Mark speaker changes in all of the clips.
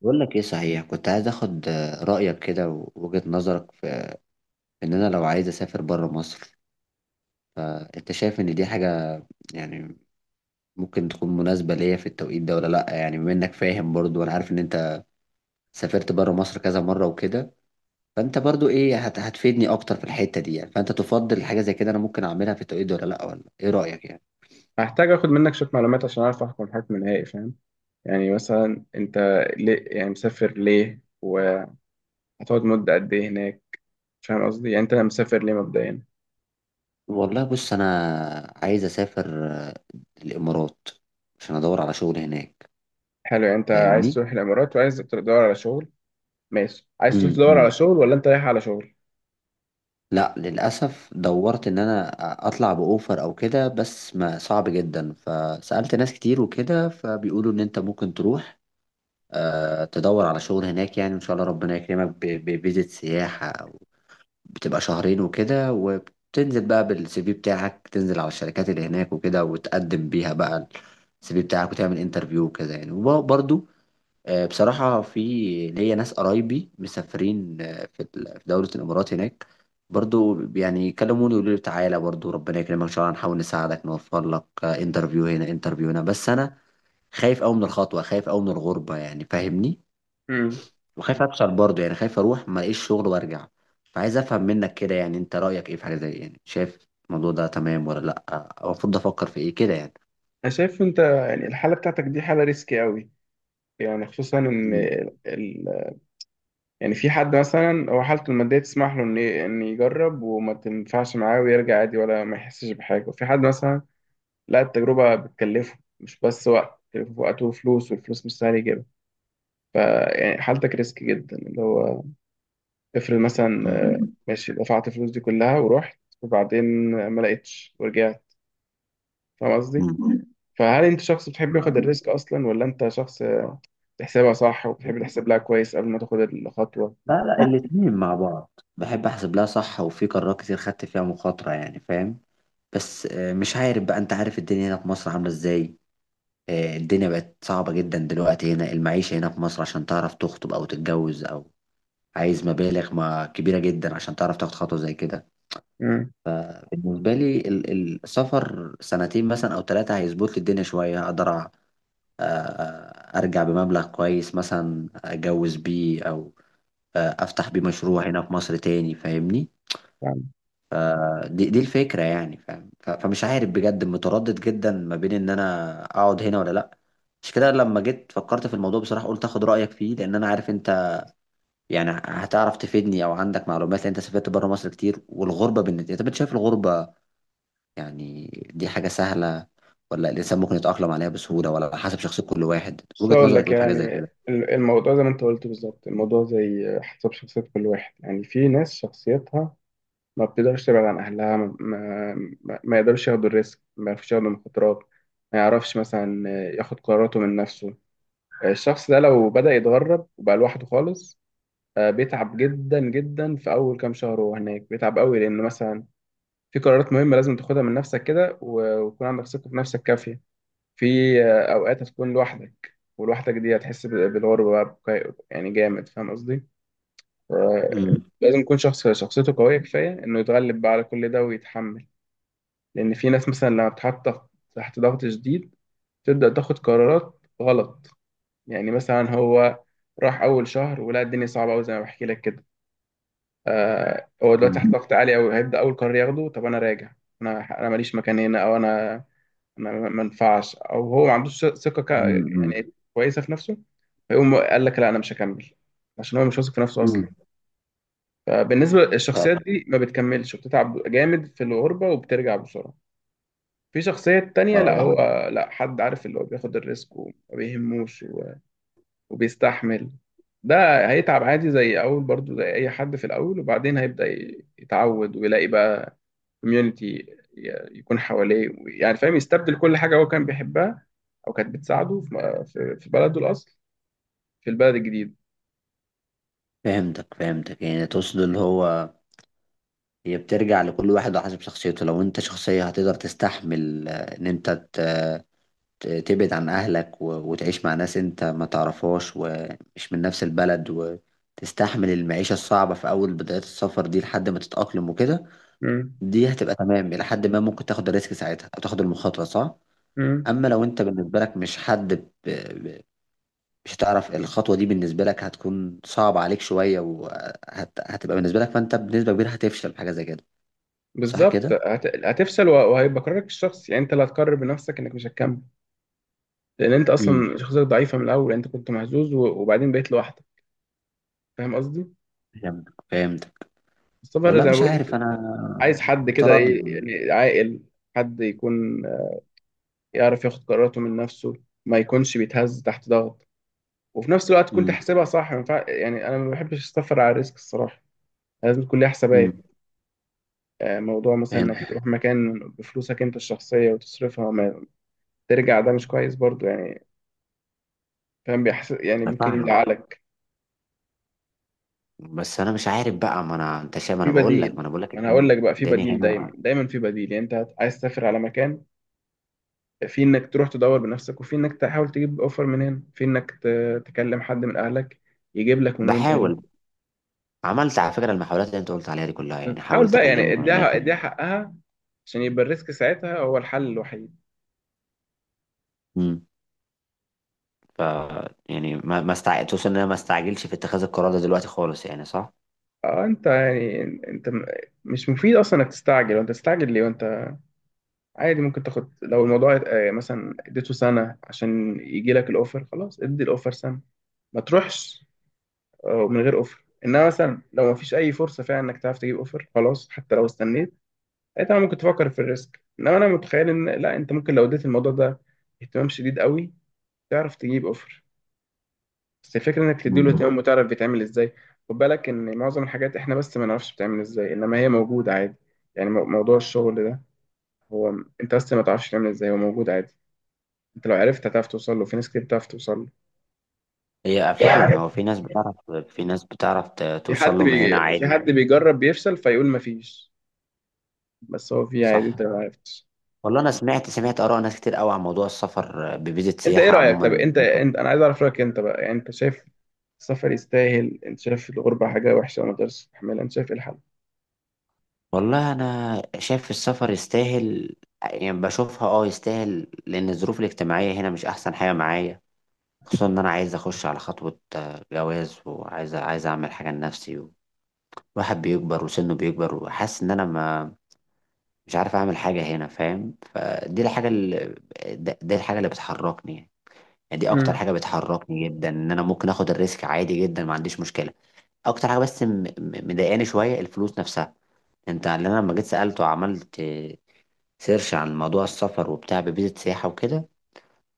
Speaker 1: بقول لك ايه صحيح، كنت عايز اخد رايك كده ووجهة نظرك في ان انا لو عايز اسافر بره مصر. انت شايف ان دي حاجه يعني ممكن تكون مناسبه ليا في التوقيت ده ولا لا؟ يعني بما انك فاهم برضو وانا عارف ان انت سافرت بره مصر كذا مره وكده، فانت برضو ايه، هتفيدني اكتر في الحته دي يعني. فانت تفضل حاجه زي كده انا ممكن اعملها في التوقيت ده ولا لا، ولا ايه رايك يعني؟
Speaker 2: هحتاج اخد منك شويه معلومات عشان اعرف احكم حكم نهائي فاهم؟ مثلا انت ليه مسافر ليه وهتقعد مده قد ايه هناك؟ فاهم قصدي؟ يعني انت مسافر ليه مبدئيا؟
Speaker 1: والله بص، انا عايز اسافر الامارات عشان ادور على شغل هناك،
Speaker 2: حلو، يعني انت عايز
Speaker 1: فاهمني.
Speaker 2: تروح الامارات وعايز تدور على شغل. ماشي، عايز تروح تدور على
Speaker 1: امم
Speaker 2: شغل ولا انت رايح على شغل؟
Speaker 1: لا، للأسف دورت إن أنا أطلع بأوفر أو كده بس ما صعب جدا، فسألت ناس كتير وكده فبيقولوا إن أنت ممكن تروح تدور على شغل هناك يعني، إن شاء الله ربنا يكرمك بفيزة سياحة أو بتبقى شهرين وكده، وبتنزل بقى بالسي في بتاعك، تنزل على الشركات اللي هناك وكده وتقدم بيها بقى السي في بتاعك وتعمل انترفيو وكده يعني. وبرضه بصراحة في ليا ناس قرايبي مسافرين في في دولة الإمارات هناك، برضو يعني كلموني يقولوا لي تعالى برضو ربنا يكرمك إن شاء الله، هنحاول نساعدك نوفر لك انترفيو هنا انترفيو هنا. بس أنا خايف أوي من الخطوة، خايف أوي من الغربة يعني فاهمني،
Speaker 2: امم.
Speaker 1: وخايف أفشل برضو يعني، خايف أروح ما ألاقيش شغل وأرجع. فعايز أفهم منك كده يعني، أنت رأيك إيه في حاجة زي يعني، شايف الموضوع ده تمام ولا لأ؟ أو المفروض أفكر في إيه كده يعني؟
Speaker 2: انا شايف انت يعني الحاله بتاعتك دي حاله ريسكي قوي. يعني خصوصا ان
Speaker 1: مم.
Speaker 2: يعني في حد مثلا هو حالته الماديه تسمح له ان يجرب وما تنفعش معاه ويرجع عادي ولا ما يحسش بحاجه، وفي حد مثلا لا، التجربة بتكلفه، مش بس وقت، بتكلفه وقت وفلوس، والفلوس مش سهل يجيبها. فيعني حالتك ريسك جدا، اللي هو افرض مثلا
Speaker 1: مم.
Speaker 2: مم. ماشي، دفعت الفلوس دي كلها ورحت وبعدين ما لقيتش ورجعت. فاهم قصدي؟ فهل انت شخص بتحب ياخد
Speaker 1: مم.
Speaker 2: الريسك اصلا، ولا انت شخص بتحسبها صح وبتحب تحسب لها كويس قبل ما تاخد الخطوة؟
Speaker 1: لا لا، الاتنين مع بعض، بحب احسب لها صح وفي قرارات كتير خدت فيها مخاطرة يعني فاهم. بس مش عارف بقى، انت عارف الدنيا هنا في مصر عاملة ازاي، الدنيا بقت صعبة جدا دلوقتي، هنا المعيشة هنا في مصر عشان تعرف تخطب او تتجوز او عايز مبالغ ما كبيرة جدا عشان تعرف تاخد خطوة زي كده.
Speaker 2: امم
Speaker 1: فبالنسبة لي السفر سنتين مثلا او ثلاثة هيظبط لي الدنيا شوية، اقدر ارجع بمبلغ كويس مثلا اتجوز بيه او افتح بيه مشروع هنا في مصر تاني فاهمني.
Speaker 2: فاهم.
Speaker 1: دي الفكرة يعني فاهم، فمش عارف بجد، متردد جدا ما بين ان انا اقعد هنا ولا لا. مش كده، لما جيت فكرت في الموضوع بصراحة قلت اخد رأيك فيه لان انا عارف انت يعني هتعرف تفيدني او عندك معلومات، لان انت سافرت بره مصر كتير. والغربة بالنسبة انت، بتشايف الغربة يعني دي حاجة سهلة ولا الانسان ممكن يتأقلم عليها بسهولة، ولا على حسب شخصية كل واحد؟
Speaker 2: بس
Speaker 1: وجهة
Speaker 2: اقول
Speaker 1: نظرك
Speaker 2: لك،
Speaker 1: ايه في حاجة
Speaker 2: يعني
Speaker 1: زي كده؟
Speaker 2: الموضوع زي ما انت قلت بالظبط، الموضوع زي حسب شخصية كل واحد. يعني في ناس شخصيتها ما بتقدرش تبعد عن أهلها، ما يقدرش ياخد الريسك، ما يعرفش ياخد المخاطرات، ما يعرفش مثلا ياخد قراراته من نفسه. الشخص ده لو بدأ يتغرب وبقى لوحده خالص، بيتعب جدا جدا في أول كام شهر وهو هناك، بيتعب قوي لأن مثلا في قرارات مهمة لازم تاخدها من نفسك كده ويكون عندك ثقة في نفسك كافية. في أوقات هتكون لوحدك، ولوحدك دي هتحس بالغربة بقى يعني جامد. فاهم قصدي؟ آه،
Speaker 1: امم.
Speaker 2: لازم يكون شخص شخصيته قوية كفاية إنه يتغلب بقى على كل ده ويتحمل. لأن في ناس مثلا لما بتحط تحت ضغط شديد تبدأ تاخد قرارات غلط. يعني مثلا هو راح أول شهر ولقى الدنيا صعبة أوي زي ما بحكي لك كده، آه، هو دلوقتي
Speaker 1: امم.
Speaker 2: تحت ضغط عالي أوي، هيبدأ أول قرار ياخده طب أنا راجع، أنا ماليش مكان هنا، أو أنا ما ينفعش، أو هو ما عندوش ثقة
Speaker 1: امم.
Speaker 2: يعني كويسة في نفسه، فيقوم قال لك لا أنا مش هكمل، عشان هو مش واثق في نفسه أصلا.
Speaker 1: امم.
Speaker 2: فبالنسبة للشخصيات دي ما بتكملش وبتتعب جامد في الغربة وبترجع بسرعة. في شخصية تانية
Speaker 1: اه
Speaker 2: لا، اه،
Speaker 1: يعني.
Speaker 2: هو لا، حد عارف اللي هو بياخد الريسك وما بيهموش وبيستحمل. ده هيتعب عادي زي أول برضو زي أي حد في الأول، وبعدين هيبدأ يتعود ويلاقي بقى كوميونتي يكون حواليه. يعني فاهم، يستبدل كل حاجة هو كان بيحبها أو كانت بتساعده في في بلده الأصل، في البلد الجديد.
Speaker 1: فهمتك فهمتك، يعني تقصد اللي هو هي بترجع لكل واحد وحسب شخصيته، لو انت شخصية هتقدر تستحمل ان انت تبعد عن اهلك وتعيش مع ناس انت ما تعرفهاش ومش من نفس البلد، وتستحمل المعيشة الصعبة في اول بداية السفر دي لحد ما تتأقلم وكده،
Speaker 2: مم.
Speaker 1: دي هتبقى تمام الى حد ما، ممكن تاخد الريسك ساعتها او تاخد المخاطرة صح.
Speaker 2: مم.
Speaker 1: اما لو انت بالنسبة لك مش حد مش هتعرف الخطوة دي، بالنسبة لك هتكون صعبة عليك شوية وهتبقى بالنسبة لك، فانت بنسبة كبيرة هتفشل في حاجة زي كده. صح
Speaker 2: بالظبط
Speaker 1: كده؟
Speaker 2: هتفشل، وهيبقى قرارك الشخصي. يعني أنت اللي هتقرر بنفسك إنك مش هتكمل، لان انت
Speaker 1: مم.
Speaker 2: اصلا شخصيتك ضعيفه من الاول، يعني انت كنت مهزوز وبعدين بقيت لوحدك. فاهم قصدي؟
Speaker 1: فهمتك فهمتك.
Speaker 2: السفر
Speaker 1: والله
Speaker 2: زي ما
Speaker 1: مش
Speaker 2: بقول
Speaker 1: عارف
Speaker 2: لك،
Speaker 1: انا،
Speaker 2: عايز حد كده ايه
Speaker 1: متردد.
Speaker 2: يعني، عاقل، حد يكون يعرف ياخد قراراته من نفسه، ما يكونش بيتهز تحت ضغط، وفي نفس الوقت كنت
Speaker 1: امم.
Speaker 2: حاسبها صح. ما ينفع- يعني انا ما بحبش السفر على الريسك الصراحه، لازم تكون ليها حسابات.
Speaker 1: امم.
Speaker 2: موضوع مثلا انك
Speaker 1: فهمت.
Speaker 2: تروح مكان بفلوسك انت الشخصيه وتصرفها وما ترجع، ده مش كويس برضو يعني. فاهم بيحس، يعني
Speaker 1: انا
Speaker 2: ممكن
Speaker 1: فاهمك،
Speaker 2: يزعلك.
Speaker 1: بس انا مش عارف بقى، ما انا انت شايف، ما
Speaker 2: في
Speaker 1: انا بقول لك، ما
Speaker 2: بديل،
Speaker 1: انا بقول لك
Speaker 2: ما انا هقول
Speaker 1: الدنيا،
Speaker 2: لك بقى في
Speaker 1: الدنيا
Speaker 2: بديل، دايما
Speaker 1: هنا.
Speaker 2: دايما في بديل. يعني انت عايز تسافر على مكان، في انك تروح تدور بنفسك، وفي انك تحاول تجيب اوفر من هنا، في انك تكلم حد من اهلك يجيب لك من وانت هنا.
Speaker 1: بحاول، عملت على فكره المحاولات اللي انت قلت عليها دي كلها يعني،
Speaker 2: حاول
Speaker 1: حاولت
Speaker 2: بقى، يعني
Speaker 1: اكلمه من هناك.
Speaker 2: اديها، اديها حقها، عشان يبقى الريسك ساعتها هو الحل الوحيد.
Speaker 1: امم. ف يعني ما ما استع... توصل ان انا ما استعجلش في اتخاذ القرار ده دلوقتي خالص يعني صح.
Speaker 2: اه انت يعني مش مفيد اصلا انك تستعجل، وانت تستعجل ليه وانت عادي ممكن تاخد؟ لو الموضوع مثلا اديته سنة عشان يجي لك الاوفر، خلاص، ادي الاوفر سنة، ما تروحش من غير اوفر. انما مثلا لو ما فيش اي فرصه فعلا انك تعرف تجيب اوفر، خلاص حتى لو استنيت ساعتها ممكن تفكر في الريسك. انما انا متخيل ان لا، انت ممكن لو اديت الموضوع ده اهتمام شديد قوي تعرف تجيب اوفر. بس الفكره انك تديله
Speaker 1: امم.
Speaker 2: اهتمام وتعرف بيتعمل ازاي. خد بالك ان معظم الحاجات احنا بس ما نعرفش بتعمل ازاي، انما هي موجوده عادي. يعني موضوع الشغل ده هو انت بس ما تعرفش تعمل ازاي، هو موجود عادي. انت لو عرفت هتعرف توصل له، في ناس كتير بتعرف توصل له.
Speaker 1: هي فعلا
Speaker 2: في
Speaker 1: هو في ناس بتعرف، في ناس بتعرف توصل له من هنا
Speaker 2: في
Speaker 1: عادي.
Speaker 2: حد بيجرب بيفشل فيقول ما فيش، بس هو في عادي، انت
Speaker 1: صح.
Speaker 2: ما عرفتش.
Speaker 1: والله انا سمعت سمعت اراء ناس كتير قوي عن موضوع السفر بفيزة
Speaker 2: انت ايه
Speaker 1: سياحة
Speaker 2: رأيك؟ طب
Speaker 1: عموما.
Speaker 2: انت انا عايز اعرف رأيك انت بقى. يعني انت شايف السفر يستاهل؟ انت شايف الغربة حاجة وحشة وما تقدرش تستحملها؟ انت شايف ايه الحل؟
Speaker 1: والله انا شايف السفر يستاهل، يعني بشوفها اه يستاهل لان الظروف الاجتماعية هنا مش احسن حاجة معايا، خصوصا ان انا عايز اخش على خطوة جواز وعايز عايز اعمل حاجة لنفسي، واحد بيكبر وسنه بيكبر وحاسس ان انا ما، مش عارف اعمل حاجة هنا فاهم. فدي الحاجة اللي، دي الحاجة اللي بتحركني يعني، دي اكتر
Speaker 2: مم.
Speaker 1: حاجة بتحركني جدا، ان انا ممكن اخد الريسك عادي جدا ما عنديش مشكلة. اكتر حاجه بس مضايقاني شويه الفلوس نفسها. انت اللي انا لما جيت سالته وعملت سيرش عن موضوع السفر وبتاع بفيزا سياحه وكده،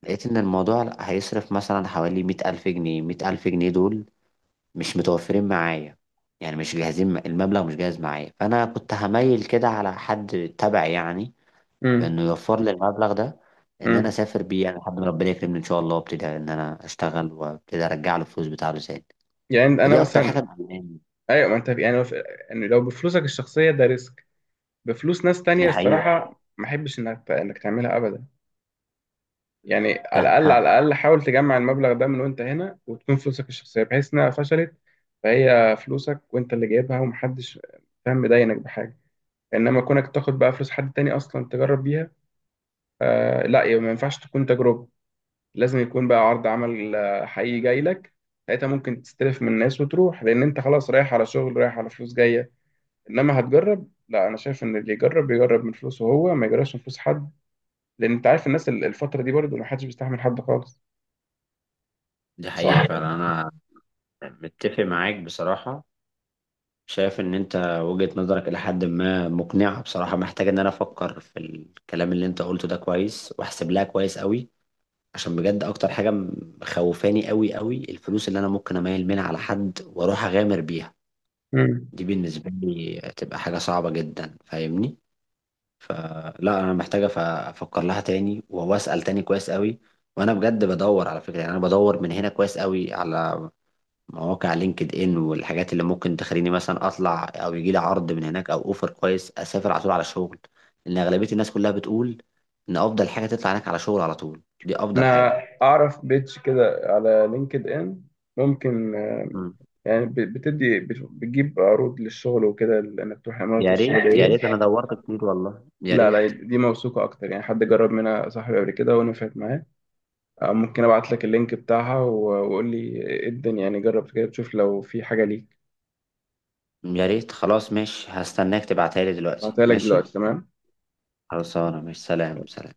Speaker 1: لقيت ان الموضوع هيصرف مثلا حوالي 100,000 جنيه. 100,000 جنيه دول مش متوفرين معايا، يعني مش جاهزين، المبلغ مش جاهز معايا. فانا كنت هميل كده على حد تبعي يعني،
Speaker 2: امم.
Speaker 1: بانه يوفر لي المبلغ ده ان انا
Speaker 2: امم.
Speaker 1: اسافر بيه، يعني لحد ما ربنا يكرمني ان شاء الله وابتدي ان انا اشتغل وابتدي ارجع له الفلوس بتاعته تاني.
Speaker 2: يعني انا
Speaker 1: فدي اكتر حاجه
Speaker 2: مثلا
Speaker 1: مضايقاني.
Speaker 2: ايوه، ما انت يعني لو يعني لو بفلوسك الشخصية ده ريسك، بفلوس ناس تانية
Speaker 1: دي حقيقه.
Speaker 2: الصراحة ما احبش انك تعملها ابدا. يعني على
Speaker 1: فاهم
Speaker 2: الاقل، على
Speaker 1: فاهم.
Speaker 2: الاقل حاول تجمع المبلغ ده من وانت هنا، وتكون فلوسك الشخصية، بحيث انها فشلت فهي فلوسك وانت اللي جايبها ومحدش فاهم مداينك بحاجة. انما كونك تاخد بقى فلوس حد تاني اصلا تجرب بيها آه لا، يعني ما ينفعش تكون تجربه، لازم يكون بقى عرض عمل حقيقي جاي لك، ساعتها ممكن تستلف من الناس وتروح، لان انت خلاص رايح على شغل، رايح على فلوس جايه. انما هتجرب لا، انا شايف ان اللي يجرب بيجرب من فلوسه هو، ما يجربش من فلوس حد، لان انت عارف الناس الفتره دي برضه ما حدش بيستحمل حد خالص.
Speaker 1: دي حقيقة
Speaker 2: صح.
Speaker 1: فعلا، أنا متفق معاك بصراحة. شايف إن أنت وجهة نظرك إلى حد ما مقنعة بصراحة، محتاج إن أنا أفكر في الكلام اللي أنت قلته ده كويس، وأحسب لها كويس أوي، عشان بجد أكتر حاجة مخوفاني أوي أوي الفلوس اللي أنا ممكن أميل منها على حد وأروح أغامر بيها،
Speaker 2: مم.
Speaker 1: دي بالنسبة لي تبقى حاجة صعبة جدا فاهمني؟ فلا، أنا محتاجة أفكر لها تاني وأسأل تاني كويس أوي. وانا بجد بدور على فكره، يعني انا بدور من هنا كويس قوي على مواقع لينكد ان والحاجات اللي ممكن تخليني مثلا اطلع او يجي لي عرض من هناك او اوفر كويس، اسافر على طول على شغل، لان اغلبيه الناس كلها بتقول ان افضل حاجه تطلع هناك على شغل على طول، دي افضل
Speaker 2: انا
Speaker 1: حاجه.
Speaker 2: اعرف بيتش كده على لينكد ان ممكن
Speaker 1: مم.
Speaker 2: يعني بتجيب عروض للشغل وكده، انك تروح الامارات
Speaker 1: يا ريت يا
Speaker 2: والسعوديه.
Speaker 1: ريت، انا دورت كتير والله، يا
Speaker 2: لا لا،
Speaker 1: ريت.
Speaker 2: دي موثوقة أكتر، يعني حد جرب منها، صاحبي قبل كده ونفعت معاه. ممكن أبعت لك اللينك بتاعها وقول لي إيه الدنيا، يعني جرب كده تشوف لو في حاجة ليك.
Speaker 1: يا ريت، خلاص ماشي، هستناك تبعتها لي دلوقتي
Speaker 2: بعتها لك
Speaker 1: ماشي.
Speaker 2: دلوقتي، تمام.
Speaker 1: خلاص انا ماشي، سلام سلام.